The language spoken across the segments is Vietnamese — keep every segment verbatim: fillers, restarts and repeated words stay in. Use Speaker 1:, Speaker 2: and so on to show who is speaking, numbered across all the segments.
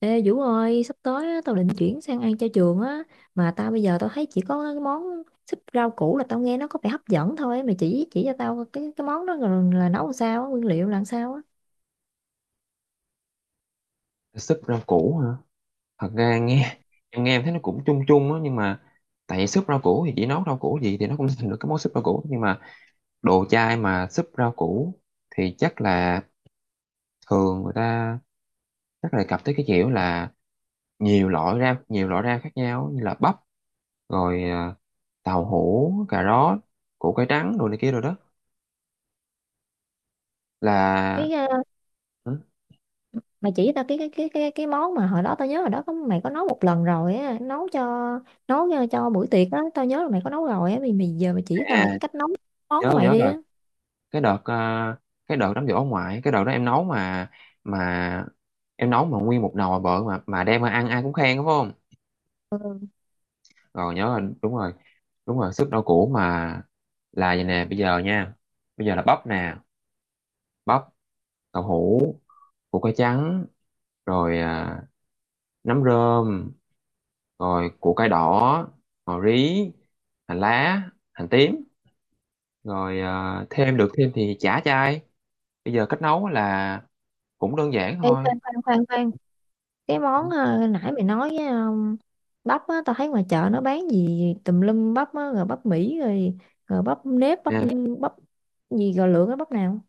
Speaker 1: Ê Vũ ơi, sắp tới á, tao định chuyển sang ăn cho trường á, mà tao bây giờ tao thấy chỉ có cái món súp rau củ là tao nghe nó có vẻ hấp dẫn thôi. Mày chỉ chỉ cho tao cái cái món đó rồi là nấu làm sao á, nguyên liệu làm sao á.
Speaker 2: Súp rau củ hả? Thật ra nghe em nghe em thấy nó cũng chung chung á, nhưng mà tại vì súp rau củ thì chỉ nấu rau củ gì thì nó cũng thành được cái món súp rau củ, nhưng mà đồ chai mà súp rau củ thì chắc là thường người ta chắc là cặp tới cái kiểu là nhiều loại rau nhiều loại rau khác nhau, như là bắp, rồi à, tàu hũ, cà rốt, củ cải trắng, đồ này kia rồi đó là.
Speaker 1: Cái ờ,
Speaker 2: Ừ,
Speaker 1: Mày chỉ tao cái cái cái cái cái món mà hồi đó tao nhớ hồi đó có mày có nấu một lần rồi á, nấu cho, nấu cho, cho buổi tiệc á, tao nhớ là mày có nấu rồi á, mày mày giờ mày chỉ tao
Speaker 2: à,
Speaker 1: lại cái cách nấu món
Speaker 2: nhớ
Speaker 1: của mày
Speaker 2: nhớ
Speaker 1: đi
Speaker 2: rồi.
Speaker 1: á.
Speaker 2: cái đợt ờ, cái đợt đám giỗ ông ngoại, cái đợt đó em nấu mà mà em nấu mà nguyên một nồi bự mà mà đem mà ăn, ai cũng khen, đúng không? Rồi nhớ là đúng rồi. Đúng rồi, súp rau củ mà. Là vậy nè, bây giờ nha. Bây giờ là bắp nè. Bắp, đậu hũ, củ cải trắng, rồi à, nấm rơm, rồi củ cải đỏ, ngò rí, hành lá, hành tím, rồi à, thêm được thêm thì chả chay. Bây giờ cách nấu là cũng đơn giản
Speaker 1: Ê
Speaker 2: thôi.
Speaker 1: khoan khoan khoan khoan, cái món ờ, nãy mày nói bắp á, tao thấy ngoài chợ nó bán gì tùm lum bắp á, rồi bắp Mỹ rồi, rồi bắp nếp, bắp bắp gì, rồi lựa cái bắp nào?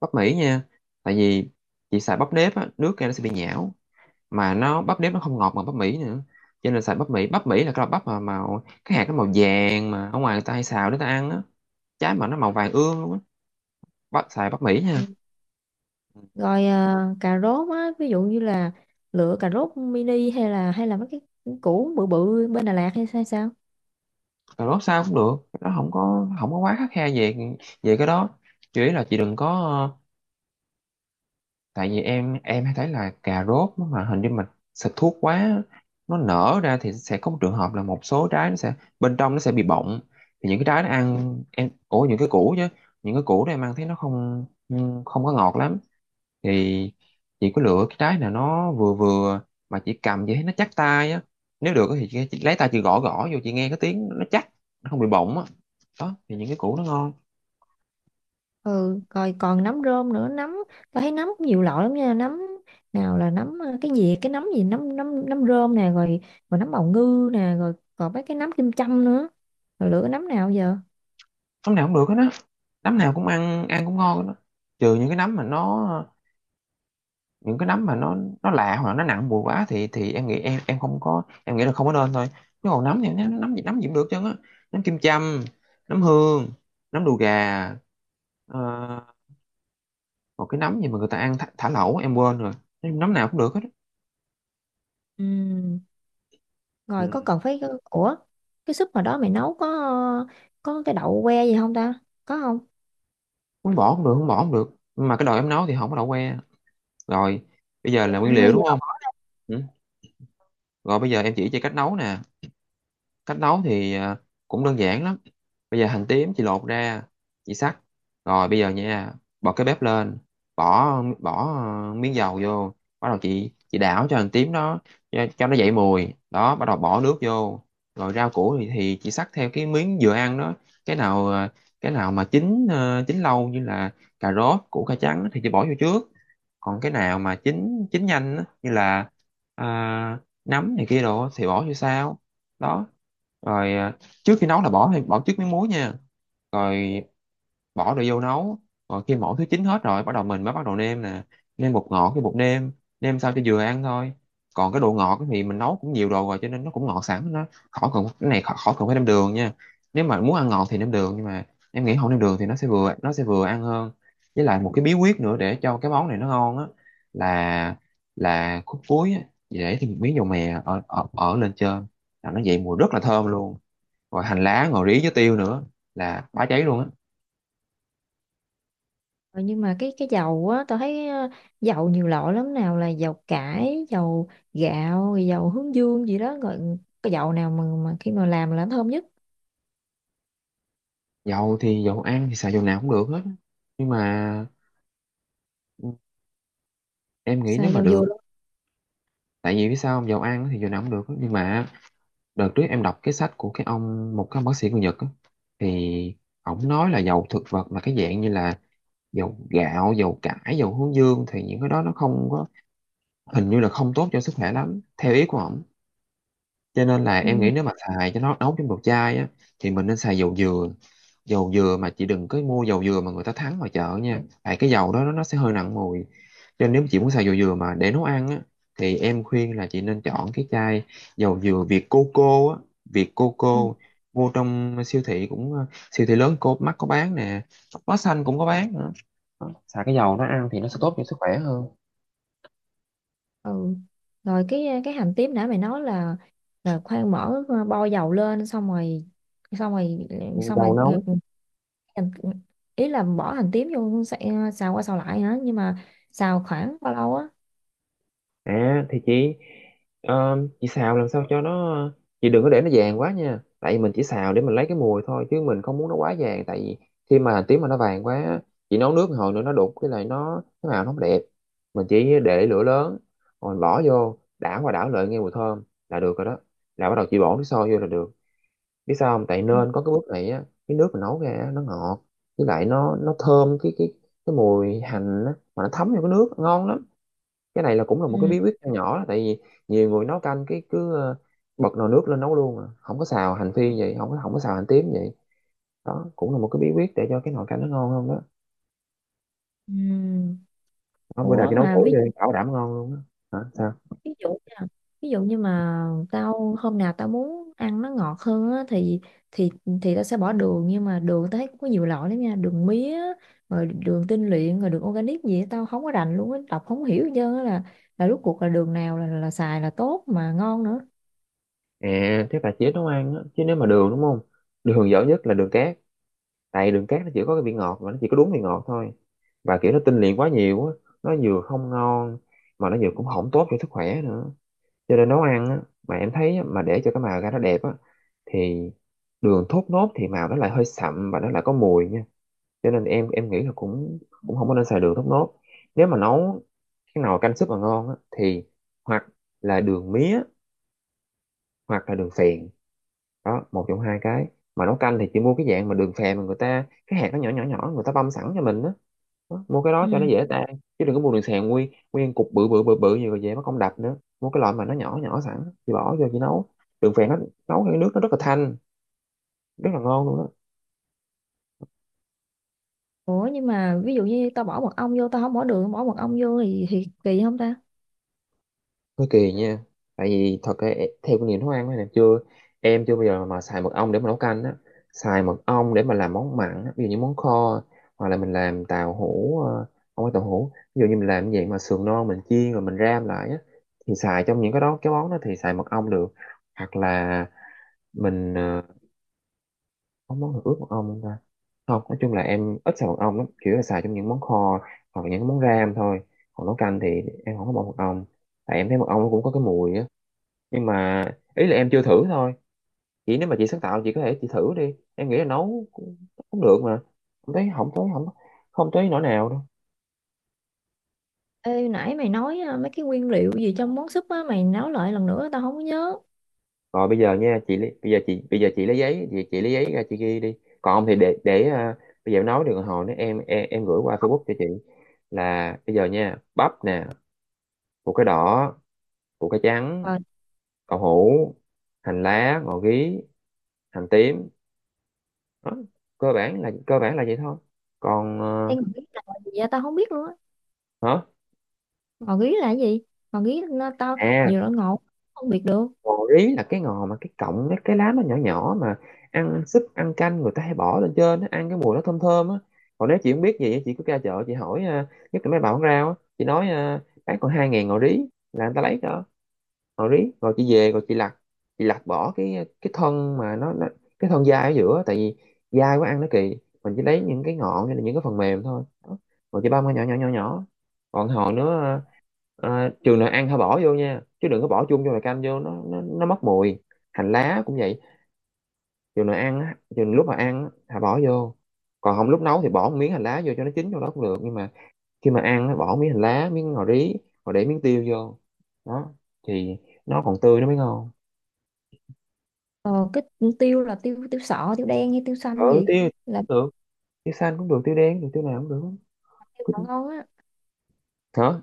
Speaker 2: Bắp Mỹ nha. Tại vì chị xài bắp nếp á, nước ra nó sẽ bị nhão, mà nó bắp nếp nó không ngọt bằng bắp Mỹ nữa, cho nên xài bắp Mỹ. Bắp Mỹ là cái loại bắp mà màu cái hạt nó màu vàng, mà ở ngoài người ta hay xào để ta ăn á. Trái mà nó màu vàng ương luôn á. Bắp xài bắp Mỹ nha.
Speaker 1: Ừ, rồi à, cà rốt á, ví dụ như là lựa cà rốt mini hay là hay là mấy cái củ bự bự bên Đà Lạt hay sao sao?
Speaker 2: Cà rốt sao cũng được, nó không có không có quá khắt khe về về cái đó. Chỉ là chị đừng có, tại vì em em hay thấy là cà rốt nó mà hình như mình xịt thuốc quá, nó nở ra thì sẽ có một trường hợp là một số trái nó sẽ, bên trong nó sẽ bị bọng. Thì những cái trái nó ăn em, ủa, những cái củ chứ, những cái củ đó em ăn thấy nó không không có ngọt lắm. Thì chị có lựa cái trái nào nó vừa vừa mà chị cầm vậy thấy nó chắc tay á, nếu được thì chị, chị lấy tay chị gõ gõ vô, chị nghe cái tiếng nó chắc, nó không bị bọng á. Đó thì những cái củ nó ngon.
Speaker 1: Ừ, rồi còn nấm rơm nữa, nấm tao thấy nấm cũng nhiều loại lắm nha. Nấm nào là nấm à, cái gì, cái nấm gì, nấm nấm nấm rơm nè, rồi rồi nấm bào ngư nè, rồi còn mấy cái nấm kim châm nữa, rồi lựa cái nấm nào giờ?
Speaker 2: Nấm nào cũng được hết á. Nấm nào cũng ăn ăn cũng ngon hết á, trừ những cái nấm mà nó những cái nấm mà nó nó lạ, hoặc là nó nặng mùi quá, thì thì em nghĩ em em không có em nghĩ là không có nên thôi. Chứ còn nấm thì nó- nấm gì nấm gì cũng được chứ á. Nấm kim châm, nấm hương, nấm đùi gà, ờ, một cái nấm gì mà người ta ăn thả, thả lẩu em quên rồi. Nói chung nấm nào cũng được hết á.
Speaker 1: Ừ, rồi có
Speaker 2: Ừ.
Speaker 1: cần phải ủa, cái súp hồi đó mày nấu có có cái đậu que gì không ta? Có không?
Speaker 2: Muốn bỏ cũng được, không bỏ cũng được, nhưng mà cái đồ em nấu thì không có đậu que. Rồi bây giờ
Speaker 1: Dạ
Speaker 2: là nguyên
Speaker 1: nó
Speaker 2: liệu,
Speaker 1: hơi
Speaker 2: đúng không?
Speaker 1: dở.
Speaker 2: Ừ. Rồi bây giờ em chỉ cho cách nấu nè. Cách nấu thì ờ, cũng đơn giản lắm. Bây giờ hành tím chị lột ra, chị xắt. Rồi bây giờ nha, bật cái bếp lên, bỏ bỏ ờ, miếng dầu vô. Bắt đầu chị chị đảo cho hành tím nó, cho, cho nó dậy mùi đó, bắt đầu bỏ nước vô. Rồi rau củ thì, thì chị xắt theo cái miếng vừa ăn đó. cái nào ờ, cái nào mà chín ờ, chín lâu như là cà rốt, củ cải trắng thì chị bỏ vô trước. Còn cái nào mà chín chín nhanh á, như là à, nấm này kia đồ á, thì bỏ vô sao đó. Rồi à, trước khi nấu là bỏ bỏ trước miếng muối nha. Rồi bỏ đồ vô nấu. Rồi khi mỗi thứ chín hết rồi, bắt đầu mình mới bắt đầu nêm nè. Nêm bột ngọt, cái bột nêm, nêm sao cho vừa ăn thôi. Còn cái độ ngọt thì mình nấu cũng nhiều đồ rồi cho nên nó cũng ngọt sẵn, nó khỏi cần cái này, khỏi, khỏi cần phải nêm đường nha. Nếu mà muốn ăn ngọt thì nêm đường, nhưng mà em nghĩ không nêm đường thì nó sẽ vừa nó sẽ vừa ăn hơn. Với lại một cái bí quyết nữa để cho cái món này nó ngon á là là khúc cuối á, để thêm một miếng dầu mè ở ở, ở lên trên, là nó dậy mùi rất là thơm luôn. Rồi hành lá, ngò rí với tiêu nữa là bá cháy luôn á.
Speaker 1: Rồi nhưng mà cái cái dầu á, tao thấy ờ, dầu nhiều loại lắm, nào là dầu cải, dầu gạo, rồi dầu hướng dương gì đó. Rồi cái dầu nào mà mà khi mà làm là nó thơm nhất?
Speaker 2: Dầu thì dầu ăn thì xài dầu nào cũng được hết. Nhưng mà ừ, em nghĩ nếu
Speaker 1: Xài
Speaker 2: mà
Speaker 1: dầu dừa
Speaker 2: được,
Speaker 1: luôn.
Speaker 2: tại vì biết sao không, dầu ăn thì dầu nào cũng được. Nhưng mà đợt trước em đọc cái sách của cái ông, một cái ông bác sĩ người Nhật á, thì ổng nói là dầu thực vật là cái dạng như là dầu gạo, dầu cải, dầu hướng dương, thì những cái đó nó không có, hình như là không tốt cho sức khỏe lắm, theo ý của ổng. Cho nên là em nghĩ
Speaker 1: Ừ.
Speaker 2: nếu mà xài cho nó nấu trong đồ chai á, thì mình nên xài dầu dừa. Dầu dừa mà chị đừng có mua dầu dừa mà người ta thắng ngoài chợ nha. Tại cái dầu đó nó sẽ hơi nặng mùi. Cho nên nếu chị muốn xài dầu dừa mà để nấu ăn á, thì em khuyên là chị nên chọn cái chai dầu dừa Việt Coco á, Việt
Speaker 1: Ừ.
Speaker 2: Coco. Vô trong siêu thị cũng ờ, siêu thị lớn cô Mắc có bán nè, Bách Hóa Xanh cũng có bán nữa. Đó, Xài cái dầu nó ăn thì nó sẽ tốt cho sức khỏe hơn.
Speaker 1: Ừ. Rồi cái cái hành tím nãy mày nói là là khoan mở bo dầu lên, xong rồi xong rồi xong
Speaker 2: Dầu
Speaker 1: rồi
Speaker 2: nấu.
Speaker 1: hành, ý là bỏ hành tím vô xay- xào qua xào lại hả? Nhưng mà xào khoảng bao lâu á?
Speaker 2: À thì chị ờ, chị xào làm sao cho nó, chị đừng có để nó vàng quá nha. Tại vì mình chỉ xào để mình lấy cái mùi thôi chứ mình không muốn nó quá vàng, tại vì khi mà hành tím mà nó vàng quá á, chị nấu nước một hồi nữa nó đục cái này, nó cái màu nó không đẹp. Mình chỉ để lửa lớn rồi bỏ vô đảo qua đảo lại, nghe mùi thơm là được rồi đó. Là bắt đầu chị bỏ nước sôi vô là được. Biết sao không? Tại
Speaker 1: Ừ.
Speaker 2: nên có cái bước này á, cái nước mình nấu ra á, nó ngọt với lại nó nó thơm cái cái cái mùi hành á, mà nó thấm vô cái nước ngon lắm. Cái này là cũng là một cái
Speaker 1: Ừ.
Speaker 2: bí quyết nho nhỏ đó, tại vì nhiều người nấu canh cái cứ ờ, bật nồi nước lên nấu luôn à. Không có xào hành phi vậy, không có không có xào hành tím vậy. Đó cũng là một cái bí quyết để cho cái nồi canh nó ngon hơn đó.
Speaker 1: Ừ.
Speaker 2: Đó, bữa nào
Speaker 1: Ủa
Speaker 2: chị nấu thử
Speaker 1: mà ví dụ,
Speaker 2: đi, bảo đảm ngon luôn. Đó hả? Sao?
Speaker 1: ví dụ nha, ví dụ như mà tao hôm nào tao muốn ăn nó ngọt hơn á, thì thì thì tao sẽ bỏ đường. Nhưng mà đường tao thấy cũng có nhiều loại lắm nha, đường mía, rồi đường tinh luyện, rồi đường organic gì á, tao không có rành luôn á, đọc không hiểu hết trơn á. là là rốt cuộc là đường nào là là xài là tốt mà ngon nữa?
Speaker 2: À, thế là chỉ nấu ăn á, chứ nếu mà đường đúng không? Đường dở nhất là đường cát, tại đường cát nó chỉ có cái vị ngọt, mà nó chỉ có đúng vị ngọt thôi, và kiểu nó tinh luyện quá nhiều á, nó vừa không ngon mà nó vừa cũng không tốt cho sức khỏe nữa. Cho nên nấu ăn á, mà em thấy á, mà để cho cái màu ra nó đẹp á, thì đường thốt nốt thì màu nó lại hơi sậm và nó lại có mùi nha. Cho nên em em nghĩ là cũng cũng không có nên xài đường thốt nốt. Nếu mà nấu cái nồi canh súp mà ngon á, thì hoặc là đường mía, hoặc là đường phèn. Đó, một trong hai cái. Mà nấu canh thì chị mua cái dạng mà đường phèn mà người ta cái hạt nó nhỏ nhỏ nhỏ, người ta băm sẵn cho mình đó, đó mua cái đó cho nó dễ tan. Chứ đừng có mua đường xèo nguyên nguyên cục bự bự bự bự như vậy về mất công đập nữa, mua cái loại mà nó nhỏ nhỏ sẵn, chị bỏ vô chị nấu. Đường phèn nó nấu cái nước nó rất là thanh, rất là ngon luôn đó.
Speaker 1: Ủa nhưng mà ví dụ như tao bỏ mật ong vô, tao không bỏ đường, bỏ mật ong vô thì, thì kỳ không ta?
Speaker 2: Có kỳ nha. Tại vì thật ra e- theo kinh nghiệm nấu ăn này chưa em chưa bao giờ mà xài mật ong để mà nấu canh á. Xài mật ong để mà làm món mặn á, ví dụ như món kho, hoặc là mình làm tàu hũ, ờ, không phải tàu hũ, ví dụ như mình làm cái dạng mà sườn non mình chiên rồi mình ram lại á, thì xài trong những cái đó, cái món đó thì xài mật ong được. Hoặc là mình, ờ, có món nào ướp mật ong không ta? Không, nói chung là em ít xài mật ong lắm, chủ yếu là xài trong những món kho hoặc là những món ram thôi. Còn nấu canh thì em không có bỏ mật ong, tại em thấy mật ong nó cũng có cái mùi á. Nhưng mà ý là em chưa thử thôi. Chị nếu mà chị sáng tạo chị có thể chị thử đi, em nghĩ là nấu cũng, cũng được mà. Không thấy, không thấy, không, không thấy nỗi nào đâu.
Speaker 1: Ê nãy mày nói à, mấy cái nguyên liệu gì trong món súp á, mày nói lại lần nữa tao không có nhớ.
Speaker 2: Rồi bây giờ nha, chị lấy- bây giờ chị bây giờ chị lấy giấy, chị, chị lấy giấy ra chị ghi đi. Còn không thì để để à, bây giờ em nói, được hồi nữa em, em em gửi qua Facebook cho chị. Là bây giờ nha, bắp nè, củ cái đỏ, củ cái trắng,
Speaker 1: Ờ
Speaker 2: đậu hũ, hành lá, ngò gí, hành tím, đó. cơ bản là cơ bản là vậy thôi. còn ờ,
Speaker 1: em nghĩ là gì vậy tao không biết luôn á.
Speaker 2: hả,
Speaker 1: Ngò gí là cái gì? Ngò gí nó tao
Speaker 2: à,
Speaker 1: nhiều loại ngọt không biết được.
Speaker 2: ngò rí là cái ngò mà cái cọng, cái cái lá nó nhỏ nhỏ mà. Ăn ăn súp, ăn canh người ta hay bỏ lên trên á, ăn cái mùi nó thơm thơm á. Còn nếu chị không biết gì á, chị cứ ra chợ chị hỏi à, nhất là mấy bà bán rau á, chị nói à, bán còn hai ngàn ngò rí là người ta lấy cho. Rồi rồi chị về rồi chị lặt, chị lặt bỏ cái cái thân mà nó, nó cái thân dai ở giữa, tại vì dai quá ăn nó kỳ. Mình chỉ lấy những cái ngọn hay là những cái phần mềm thôi đó. Rồi chị băm ra nhỏ nhỏ nhỏ nhỏ, còn hòn nữa. ờ, trường nào ăn hả bỏ vô nha, chứ đừng có bỏ chung vô nồi canh vô nó nó, nó mất mùi. Hành lá cũng vậy, trường nào ăn á, trường lúc mà ăn á, hả bỏ vô. Còn không lúc nấu thì bỏ một miếng hành lá vô cho nó chín trong đó cũng được, nhưng mà khi mà ăn nó bỏ miếng hành lá, miếng ngò rí, rồi để miếng tiêu vô, đó, thì nó còn tươi nó mới ngon.
Speaker 1: Ờ cái tiêu là tiêu, tiêu sọ, tiêu đen hay tiêu xanh
Speaker 2: Ừ,
Speaker 1: gì
Speaker 2: tiêu
Speaker 1: là
Speaker 2: cũng được, tiêu xanh cũng được, tiêu đen cũng được, tiêu nào cũng được.
Speaker 1: tiêu
Speaker 2: Cứ
Speaker 1: nào
Speaker 2: tiêu-
Speaker 1: ngon á.
Speaker 2: hả,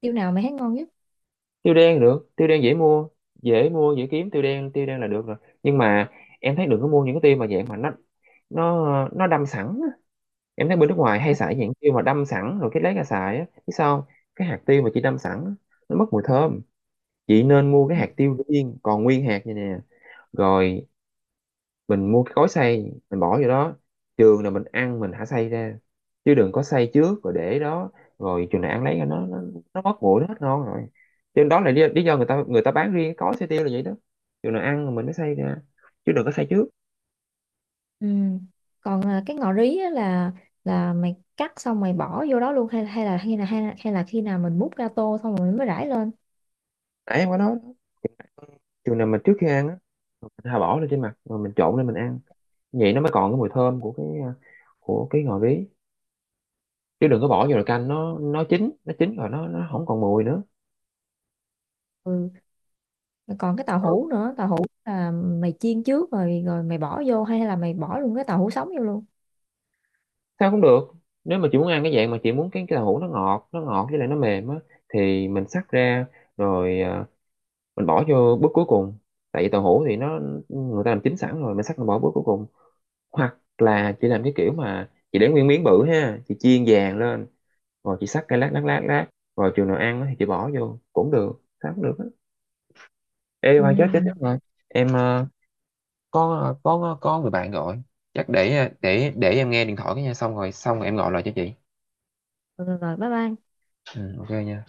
Speaker 1: Tiêu nào mày thấy ngon nhất?
Speaker 2: tiêu đen được, tiêu đen dễ mua, dễ mua dễ kiếm, tiêu đen, tiêu đen là được rồi. Nhưng mà em thấy đừng có mua những cái tiêu mà dạng mà nó nó nó đâm sẵn á. Em thấy bên nước ngoài hay xài dạng tiêu mà đâm sẵn rồi cái lấy ra xài á, biết sao không? Cái hạt tiêu mà chị đâm sẵn á, nó mất mùi thơm. Chị nên mua cái hạt tiêu viên còn nguyên hạt như nè, rồi mình mua cái gói xay mình bỏ vô đó, trường là mình ăn mình thả xay ra, chứ đừng có xay trước rồi để đó. Rồi trường nào ăn lấy nó nó, nó mất nguội nó hết ngon rồi. Cho nên đó là lý, lý do người ta người ta bán riêng cái gói xay tiêu là vậy đó. Trường nào ăn rồi mình mới xay ra, chứ đừng có xay trước.
Speaker 1: Ừ. Còn à, cái ngò rí á, là là mày cắt xong mày bỏ vô đó luôn hay hay là hay là hay là, hay là khi nào mình múc ra tô xong rồi mình mới rải lên.
Speaker 2: Nãy em có nói đó, trường nào mà trước khi ăn á mình thà bỏ lên trên mặt rồi mình trộn lên mình ăn, vậy nó mới còn cái mùi thơm của cái à, của cái ngò rí. Chứ đừng có bỏ vô là canh nó nó chín nó chín rồi nó nó không còn mùi nữa.
Speaker 1: Ừ. Còn cái tàu
Speaker 2: Ừ,
Speaker 1: hũ nữa, tàu hũ là mày chiên trước rồi rồi mày bỏ vô, hay là mày bỏ luôn cái tàu hũ sống vô luôn.
Speaker 2: sao cũng được. Nếu mà chị muốn ăn cái dạng mà chị muốn cái cái đậu hũ nó ngọt, nó ngọt với lại nó mềm á, thì mình xắt ra, rồi à, mình bỏ vô bước cuối cùng. Tại vì đậu hũ thì nó, người ta làm chín sẵn rồi mình xắt mình bỏ bước cuối cùng. Hoặc là chị làm cái kiểu mà chị để nguyên miếng bự ha, chị chiên vàng lên, rồi chị xắt cái lát lát lát lát, rồi chừng nào ăn á thì chị bỏ vô cũng được, sao cũng được á. Ê
Speaker 1: Ừ.
Speaker 2: Hoàng, chết chết chết rồi, em ờ, có có có người bạn gọi, chắc để để để em nghe điện thoại cái nha, xong rồi, xong rồi em gọi lại cho chị.
Speaker 1: Rồi, rồi bye bye.
Speaker 2: Ừ, ok nha